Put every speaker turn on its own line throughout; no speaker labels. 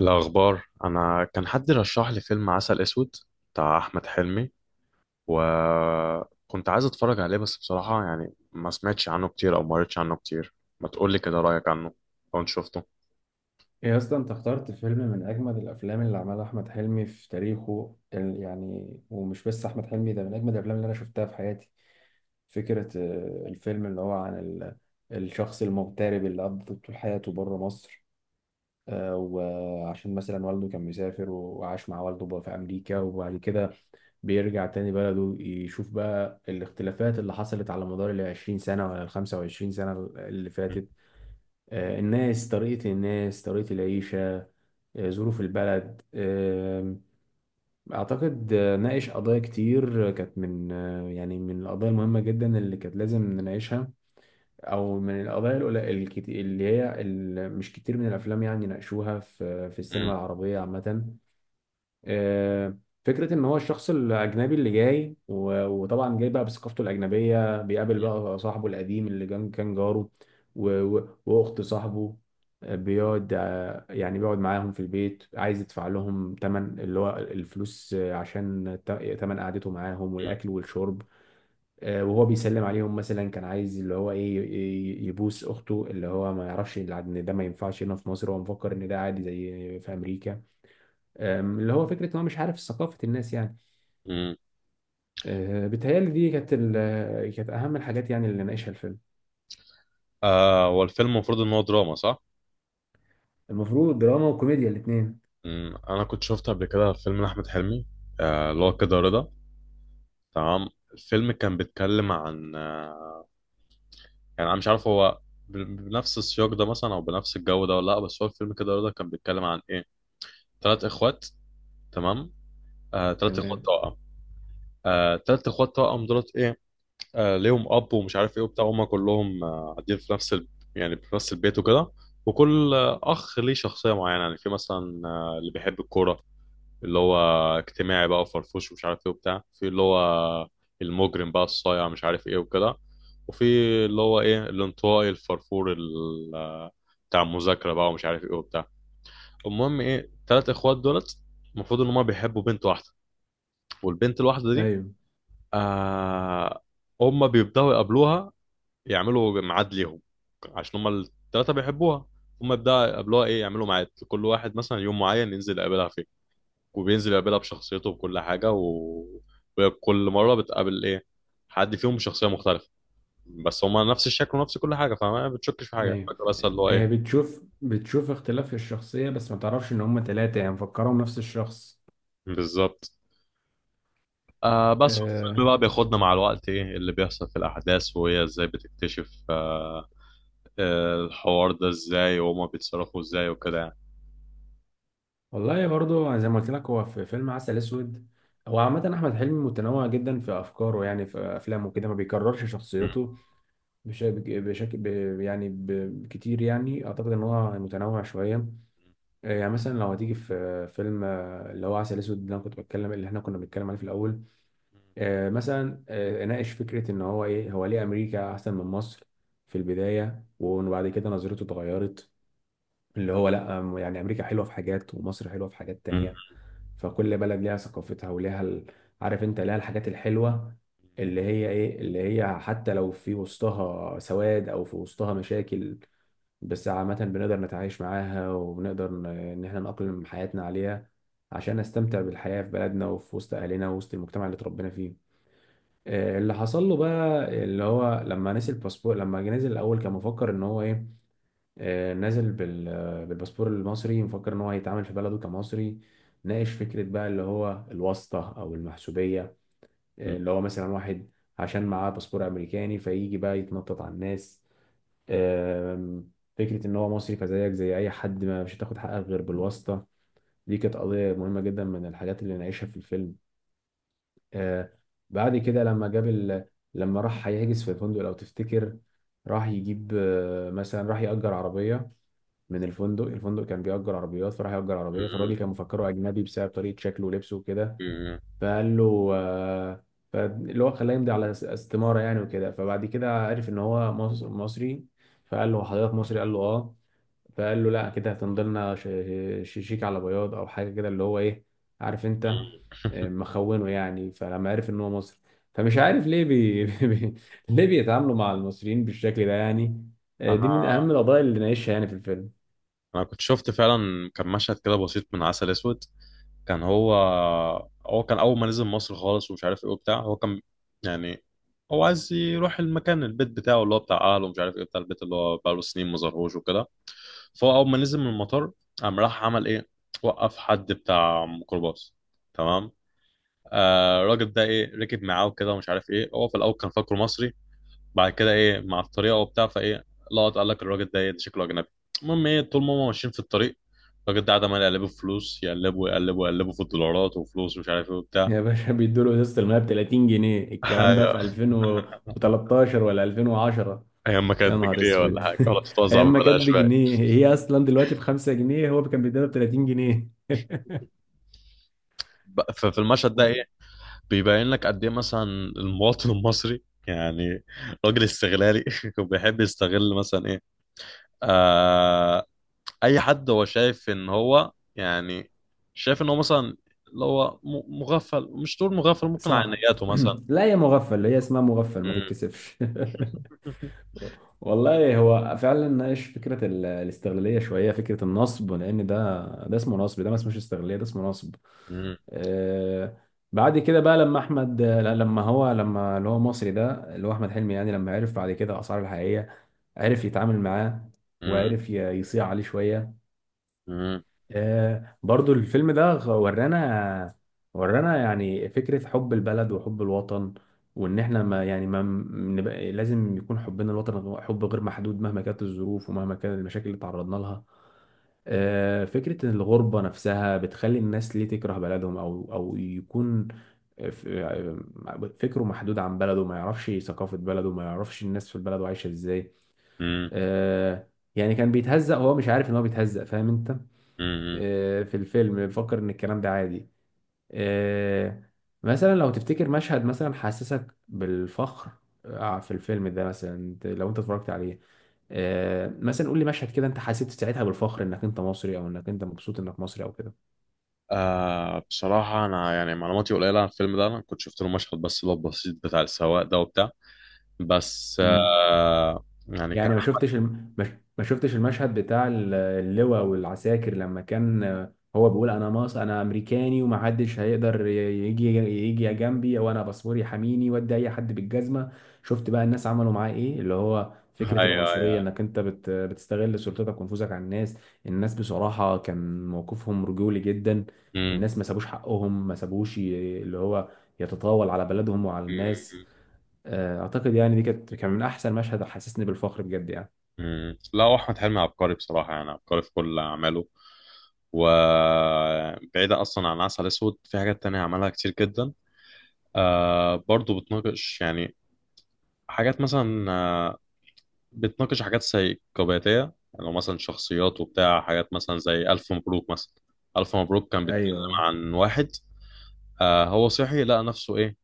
الأخبار، أنا كان حد رشح لي فيلم عسل أسود بتاع أحمد حلمي. وكنت عايز أتفرج عليه بس بصراحة يعني ما سمعتش عنه كتير أو ما قريتش عنه كتير. ما تقولي كده رأيك عنه لو أنت شفته؟
يا اسطى انت اخترت فيلم من اجمد الافلام اللي عملها احمد حلمي في تاريخه يعني ومش بس احمد حلمي ده من اجمد الافلام اللي انا شفتها في حياتي. فكرة الفيلم اللي هو عن الشخص المغترب اللي قضى طول حياته بره مصر. وعشان مثلا والده كان مسافر وعاش مع والده بقى في أمريكا، وبعد كده بيرجع تاني بلده يشوف بقى الاختلافات اللي حصلت على مدار ال 20 سنة ولا ال 25 سنة اللي فاتت. الناس طريقة العيشة، ظروف البلد. أعتقد ناقش قضايا كتير، كانت من آه، يعني من القضايا المهمة جدا اللي كانت لازم نناقشها، أو من القضايا القليلة اللي هي مش كتير من الأفلام يعني ناقشوها في السينما
مم.
العربية عامة. آه، فكرة إن هو الشخص الأجنبي اللي جاي و- وطبعا جاي بقى بثقافته الأجنبية، بيقابل بقى صاحبه القديم اللي كان جاره و- و- وأخت صاحبه. آه، بيقعد آه، يعني بيقعد معاهم في البيت، عايز يدفع لهم تمن اللي هو الفلوس عشان تمن قعدته معاهم
مم.
والأكل والشرب. وهو بيسلم عليهم، مثلا كان عايز اللي هو إيه يبوس أخته، اللي هو ما يعرفش إن ده ما ينفعش هنا في مصر، هو مفكر إن ده عادي زي في أمريكا. اللي هو فكره ان هو مش عارف ثقافه الناس يعني.
مم.
بتهيألي دي كانت اهم الحاجات يعني اللي ناقشها الفيلم.
هو الفيلم المفروض إن هو دراما صح؟
المفروض دراما وكوميديا الاثنين.
مم. أنا كنت شفت قبل كده فيلم لأحمد حلمي، اللي هو كده رضا. تمام. الفيلم كان بيتكلم عن يعني أنا مش عارف هو بنفس السياق ده مثلا أو بنفس الجو ده ولا لأ. بس هو الفيلم كده رضا كان بيتكلم عن إيه؟ ثلاث اخوات. تمام. ثلاث اخوات
تمام.
توأم. ثلاث اخوات توأم دولت ايه، ليهم اب ومش عارف ايه وبتاع. هم كلهم قاعدين في نفس يعني في نفس البيت وكده. وكل اخ ليه شخصيه معينه. يعني في مثلا اللي بيحب الكوره، اللي هو اجتماعي بقى وفرفوش ومش عارف ايه وبتاع. في اللي هو المجرم بقى الصايع مش عارف ايه وكده. وفي اللي هو ايه، الانطوائي الفرفور بتاع المذاكره بقى ومش عارف ايه وبتاع. المهم ايه، ثلاث اخوات دولت المفروض ان هم بيحبوا بنت واحده. والبنت الواحدة دي،
ايوه،
آه هم بيبدأوا يقابلوها، يعملوا ميعاد ليهم عشان هم الثلاثة بيحبوها. هم يبدأوا يقابلوها ايه، يعملوا ميعاد كل واحد مثلا يوم معين ينزل يقابلها فيه. وبينزل يقابلها بشخصيته وكل حاجة وكل مرة بتقابل ايه، حد فيهم بشخصية مختلفة، بس هما نفس الشكل ونفس كل حاجة، فما بتشكش في حاجة
ايوه،
فاكرة، بس اللي هو ايه
هي بتشوف اختلاف في الشخصيه، بس ما تعرفش ان هم ثلاثه، يعني مفكرهم نفس الشخص.
بالظبط. بس الفيلم
أه
بقى بياخدنا مع الوقت ايه اللي بيحصل في الأحداث، وهي ازاي بتكتشف الحوار ده ازاي وهما بيتصرفوا ازاي وكده يعني.
والله برضو زي ما قلت لك، هو في فيلم عسل اسود. هو عامة أحمد حلمي متنوع جدا في أفكاره، يعني في أفلامه كده ما بيكررش
م-
شخصيته بشكل كتير يعني، أعتقد إن هو متنوع شوية. يعني مثلا لو هتيجي في فيلم اللي هو عسل اسود، اللي انا كنت بتكلم اللي احنا كنا بنتكلم عليه في الاول. مثلا اناقش فكره ان هو ايه، هو ليه امريكا احسن من مصر في البدايه، وبعد كده نظرته اتغيرت. اللي هو لا، يعني امريكا حلوه في حاجات، ومصر حلوه في حاجات
م-
تانية. فكل بلد ليها ثقافتها وليها عارف انت، ليها الحاجات الحلوه. اللي هي ايه، اللي هي حتى لو في وسطها سواد او في وسطها مشاكل، بس عامة بنقدر نتعايش معاها وبنقدر إن إحنا نأقلم حياتنا عليها، عشان نستمتع بالحياة في بلدنا وفي وسط أهلنا ووسط المجتمع اللي اتربينا فيه. اللي حصل له بقى، اللي هو لما نزل الباسبور، لما جه نزل الأول كان مفكر إن هو إيه. نازل بالباسبور المصري، مفكر إن هو هيتعامل في بلده كمصري. ناقش فكرة بقى اللي هو الواسطة أو المحسوبية.
م-
اللي هو مثلا واحد عشان معاه باسبور أمريكاني، فيجي بقى يتنطط على الناس. آم، فكرة إن هو مصري فزيك زي أي حد، ما مش هتاخد حقك غير بالواسطة. دي كانت قضية مهمة جدا من الحاجات اللي نعيشها في الفيلم. آه، بعد كده لما لما راح هيحجز في الفندق، لو تفتكر، راح يجيب مثلا، راح يأجر عربية من الفندق. الفندق كان بيأجر عربيات، فراح يأجر عربية،
م-
فالراجل كان مفكره أجنبي بسبب طريقة شكله ولبسه وكده.
م- م-
فقال له فاللي هو خلاه يمضي على استمارة يعني وكده، فبعد كده عرف إن هو مصري. فقال له حضرتك مصري؟ قال له اه. فقال له لا كده هتنضلنا شيك على بياض او حاجه كده، اللي هو ايه، عارف انت، مخونه يعني. فلما عرف ان هو مصري، فمش عارف ليه ليه بيتعاملوا مع المصريين بالشكل ده يعني؟
انا
دي من اهم القضايا اللي نعيشها يعني في الفيلم.
انا كنت شفت فعلا كان مشهد كده بسيط من عسل اسود. كان هو كان اول ما نزل مصر خالص ومش عارف ايه وبتاع. هو كان يعني هو عايز يروح المكان البيت بتاعه اللي هو بتاع اهله ومش عارف ايه بتاع البيت اللي هو بقاله سنين ما ظهروش وكده. فهو اول ما نزل من المطار، قام راح عمل ايه، وقف حد بتاع ميكروباص. تمام. آه الراجل ده ايه، ركب معاه وكده ومش عارف ايه. هو في الاول كان فاكره مصري، بعد كده ايه مع الطريقه وبتاع، فايه لقط قال لك الراجل ده ايه، ده شكله اجنبي. المهم ايه، طول ما هم ماشيين في الطريق الراجل ده قاعد عمال يقلبه في فلوس، يقلبه يقلبه يقلبه في الدولارات وفلوس ومش عارف ايه وبتاع.
يا باشا بيدوا له ازازه الميه ب 30 جنيه، الكلام ده
ايوه،
في 2013 ولا 2010؟
ايام ما
يا
كانت
نهار
بجنيه ولا
اسود.
حاجه ولا بتتوزع
ايام ما كانت
ببلاش بقى.
بجنيه، هي اصلا دلوقتي ب 5 جنيه، هو كان بيديها ب 30 جنيه.
ففي المشهد ده ايه، بيبين لك قد ايه مثلا المواطن المصري يعني راجل استغلالي وبيحب يستغل مثلا ايه، اي حد هو شايف ان هو يعني شايف ان هو مثلا اللي هو مغفل. مش تقول مغفل، ممكن على
صح.
نياته مثلا.
لا يا مغفل، هي اسمها مغفل، ما
مم.
تتكسفش. والله هو فعلا ناقش فكره الاستغلاليه شويه، فكره النصب، لان ده اسمه نصب، ده ما اسمهش استغلاليه، ده اسمه نصب.
مم.
آه. بعد كده بقى لما احمد لا، لما هو لما اللي هو مصري ده، اللي هو احمد حلمي يعني، لما عرف بعد كده اسعار الحقيقيه، عرف يتعامل معاه،
مم.
وعرف يصيع عليه شويه.
مم.
برضو الفيلم ده ورانا يعني فكرة حب البلد وحب الوطن، وإن إحنا ما يعني ما م- نبقى لازم يكون حبنا للوطن حب غير محدود مهما كانت الظروف ومهما كانت المشاكل اللي تعرضنا لها. فكرة إن الغربة نفسها بتخلي الناس ليه تكره بلدهم أو يكون ف- آه، فكره محدود عن بلده، ما يعرفش ثقافة بلده، ما يعرفش الناس في بلده عايشة إزاي.
مم.
آه، يعني كان بيتهزق، هو مش عارف إن هو بيتهزق، فاهم أنت؟
مم.
في الفيلم بفكر ان الكلام ده عادي. آه، مثلا لو تفتكر مشهد مثلا حسسك بالفخر، في الفيلم ده، مثلا لو انت اتفرجت عليه، مثلا قول لي مشهد كده انت حسيت ساعتها بالفخر انك انت مصري، او انك انت مبسوط انك مصري او
بصراحة أنا يعني معلوماتي قليلة عن الفيلم ده. أنا كنت شفت له مشهد بس اللي هو البسيط بتاع السواق ده وبتاع. بس
كده
يعني
يعني. ما شفتش
كأحمد.
الم... ما ش- ما شفتش المشهد بتاع اللواء والعساكر، لما كان هو بيقول انا مص انا امريكاني، ومحدش هيقدر يجي جنبي، او انا باسبوري حميني، ودي اي حد بالجزمه. شفت بقى الناس عملوا معاه ايه، اللي هو فكره
أيوه،
العنصريه،
أيوه.
انك انت بتستغل سلطتك ونفوذك على الناس. الناس بصراحه كان موقفهم رجولي جدا،
مم.
الناس ما سابوش حقهم، ما سابوش اللي هو يتطاول على بلدهم وعلى الناس.
مم.
اعتقد يعني دي كانت، كان من احسن مشهد حسسني بالفخر بجد يعني.
مم. لا، هو أحمد حلمي عبقري بصراحة يعني عبقري في كل أعماله. وبعيدة أصلا عن العسل الأسود في حاجات تانية عملها كتير جدا. برضو بتناقش يعني حاجات مثلا بتناقش حاجات سيكوباتية. يعني لو مثلا شخصيات وبتاع حاجات مثلا زي ألف مبروك مثلا. ألف مبروك كان بيتكلم
ايوه.
عن واحد هو صحي لقى نفسه إيه،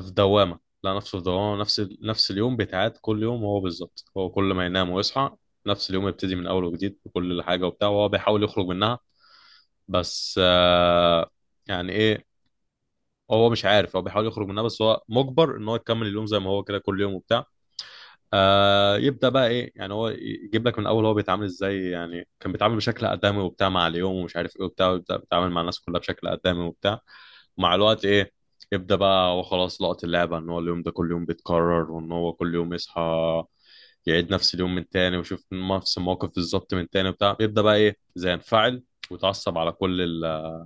في دوامة. لقى نفسه في دوامة، نفس اليوم بيتعاد كل يوم، هو بالظبط هو كل ما ينام ويصحى نفس اليوم يبتدي من أول وجديد بكل حاجة وبتاع، وهو بيحاول يخرج منها بس يعني ايه، هو مش عارف، هو بيحاول يخرج منها بس هو مجبر ان هو يكمل اليوم زي ما هو كده كل يوم وبتاع. يبدا بقى ايه، يعني هو يجيب لك من الاول هو بيتعامل ازاي، يعني كان بيتعامل بشكل ادمي وبتاع مع اليوم ومش عارف ايه وبتاع، ويبدا بيتعامل مع الناس كلها بشكل ادمي وبتاع. ومع الوقت ايه، يبدا بقى هو خلاص لقط اللعبه ان هو اليوم ده كل يوم بيتكرر، وان هو كل يوم يصحى يعيد نفس اليوم من تاني ويشوف نفس الموقف بالظبط من تاني وبتاع، يبدا بقى ايه زي ينفعل ويتعصب على كل الناس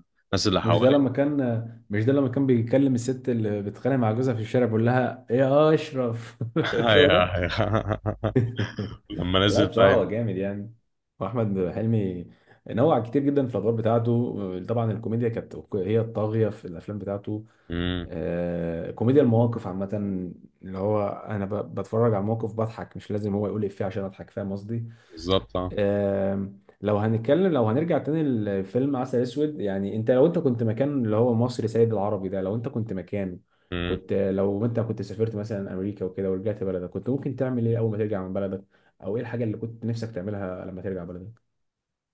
اللي
مش ده لما
حواليه.
كان مش ده لما كان بيكلم الست اللي بتتخانق مع جوزها في الشارع، بيقول لها ايه يا اشرف؟ مش هو
ايوه،
ده؟
ايوه. لما
لا
نزل
بصراحة هو
بقى.
جامد يعني. وأحمد حلمي نوع كتير جدا في الأدوار بتاعته، طبعا الكوميديا كانت هي الطاغية في الأفلام بتاعته.
امم،
كوميديا المواقف عامة، اللي هو أنا بتفرج على الموقف بضحك، مش لازم هو يقول إفيه عشان أضحك، فاهم قصدي؟
بالظبط، اه.
لو هنرجع تاني لفيلم عسل اسود، يعني لو انت كنت مكان اللي هو مصري سيد العربي ده، لو انت كنت مكانه،
امم
لو انت كنت سافرت مثلا امريكا وكده ورجعت بلدك، كنت ممكن تعمل ايه اول ما ترجع من بلدك؟ او ايه الحاجه اللي كنت نفسك تعملها لما ترجع بلدك؟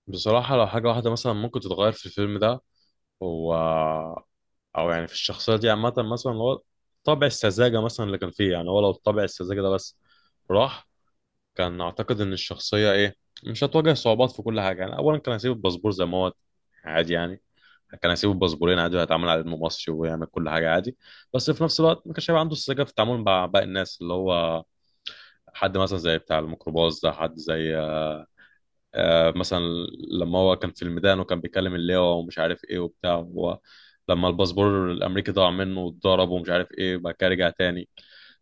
بصراحة لو حاجة واحدة مثلا ممكن تتغير في الفيلم ده، هو أو يعني في الشخصية دي عامة، مثلا هو طابع السذاجة مثلا اللي كان فيه، يعني هو لو طابع السذاجة ده بس راح، كان أعتقد إن الشخصية إيه مش هتواجه صعوبات في كل حاجة. يعني أولا كان هيسيب الباسبور زي ما هو عادي يعني، كان هيسيب الباسبورين عادي وهيتعامل على إنه مصري ويعمل كل حاجة عادي. بس في نفس الوقت ما كانش هيبقى عنده السذاجة في التعامل مع باقي الناس. اللي هو حد مثلا زي بتاع الميكروباص ده، حد زي مثلا لما هو كان في الميدان وكان بيكلم اللواء ومش عارف ايه وبتاع. هو لما الباسبور الامريكي ضاع منه واتضرب ومش عارف ايه، بعد كده رجع تاني.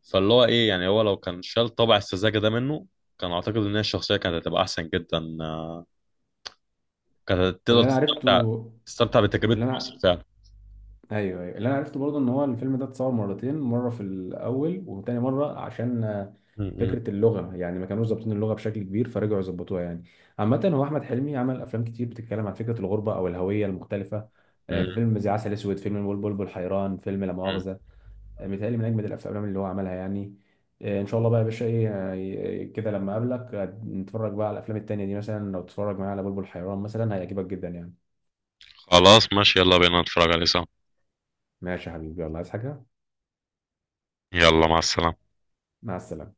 فاللي هو ايه يعني، هو لو كان شال طبع السذاجه ده منه كان اعتقد ان هي الشخصيه كانت هتبقى احسن جدا. كانت تقدر
واللي انا عرفته
تستمتع، تستمتع
اللي
بتجربه مصر
انا
فعلا.
ايوه، ايوه، اللي انا عرفته برضه ان هو الفيلم ده اتصور مرتين، مره في الاول وتاني مره عشان
م- م-
فكره اللغه، يعني ما كانوش ظابطين اللغه بشكل كبير فرجعوا يظبطوها يعني. عامه هو احمد حلمي عمل افلام كتير بتتكلم عن فكره الغربه او الهويه المختلفه،
م-
فيلم زي عسل اسود، فيلم البلبل والحيران، فيلم لا
م.
مؤاخذه. متهيألي من اجمد الافلام اللي هو عملها يعني. ان شاء الله بقى يا باشا، ايه كده لما اقابلك نتفرج بقى على الافلام التانيه دي، مثلا لو تتفرج معايا على بلبل حيران مثلا هيعجبك جدا يعني.
خلاص ماشي، يلا بينا نتفرج عليه سوا.
ماشي يا حبيبي، يلا، عايز حاجه؟
يلا مع السلامة.
مع السلامه.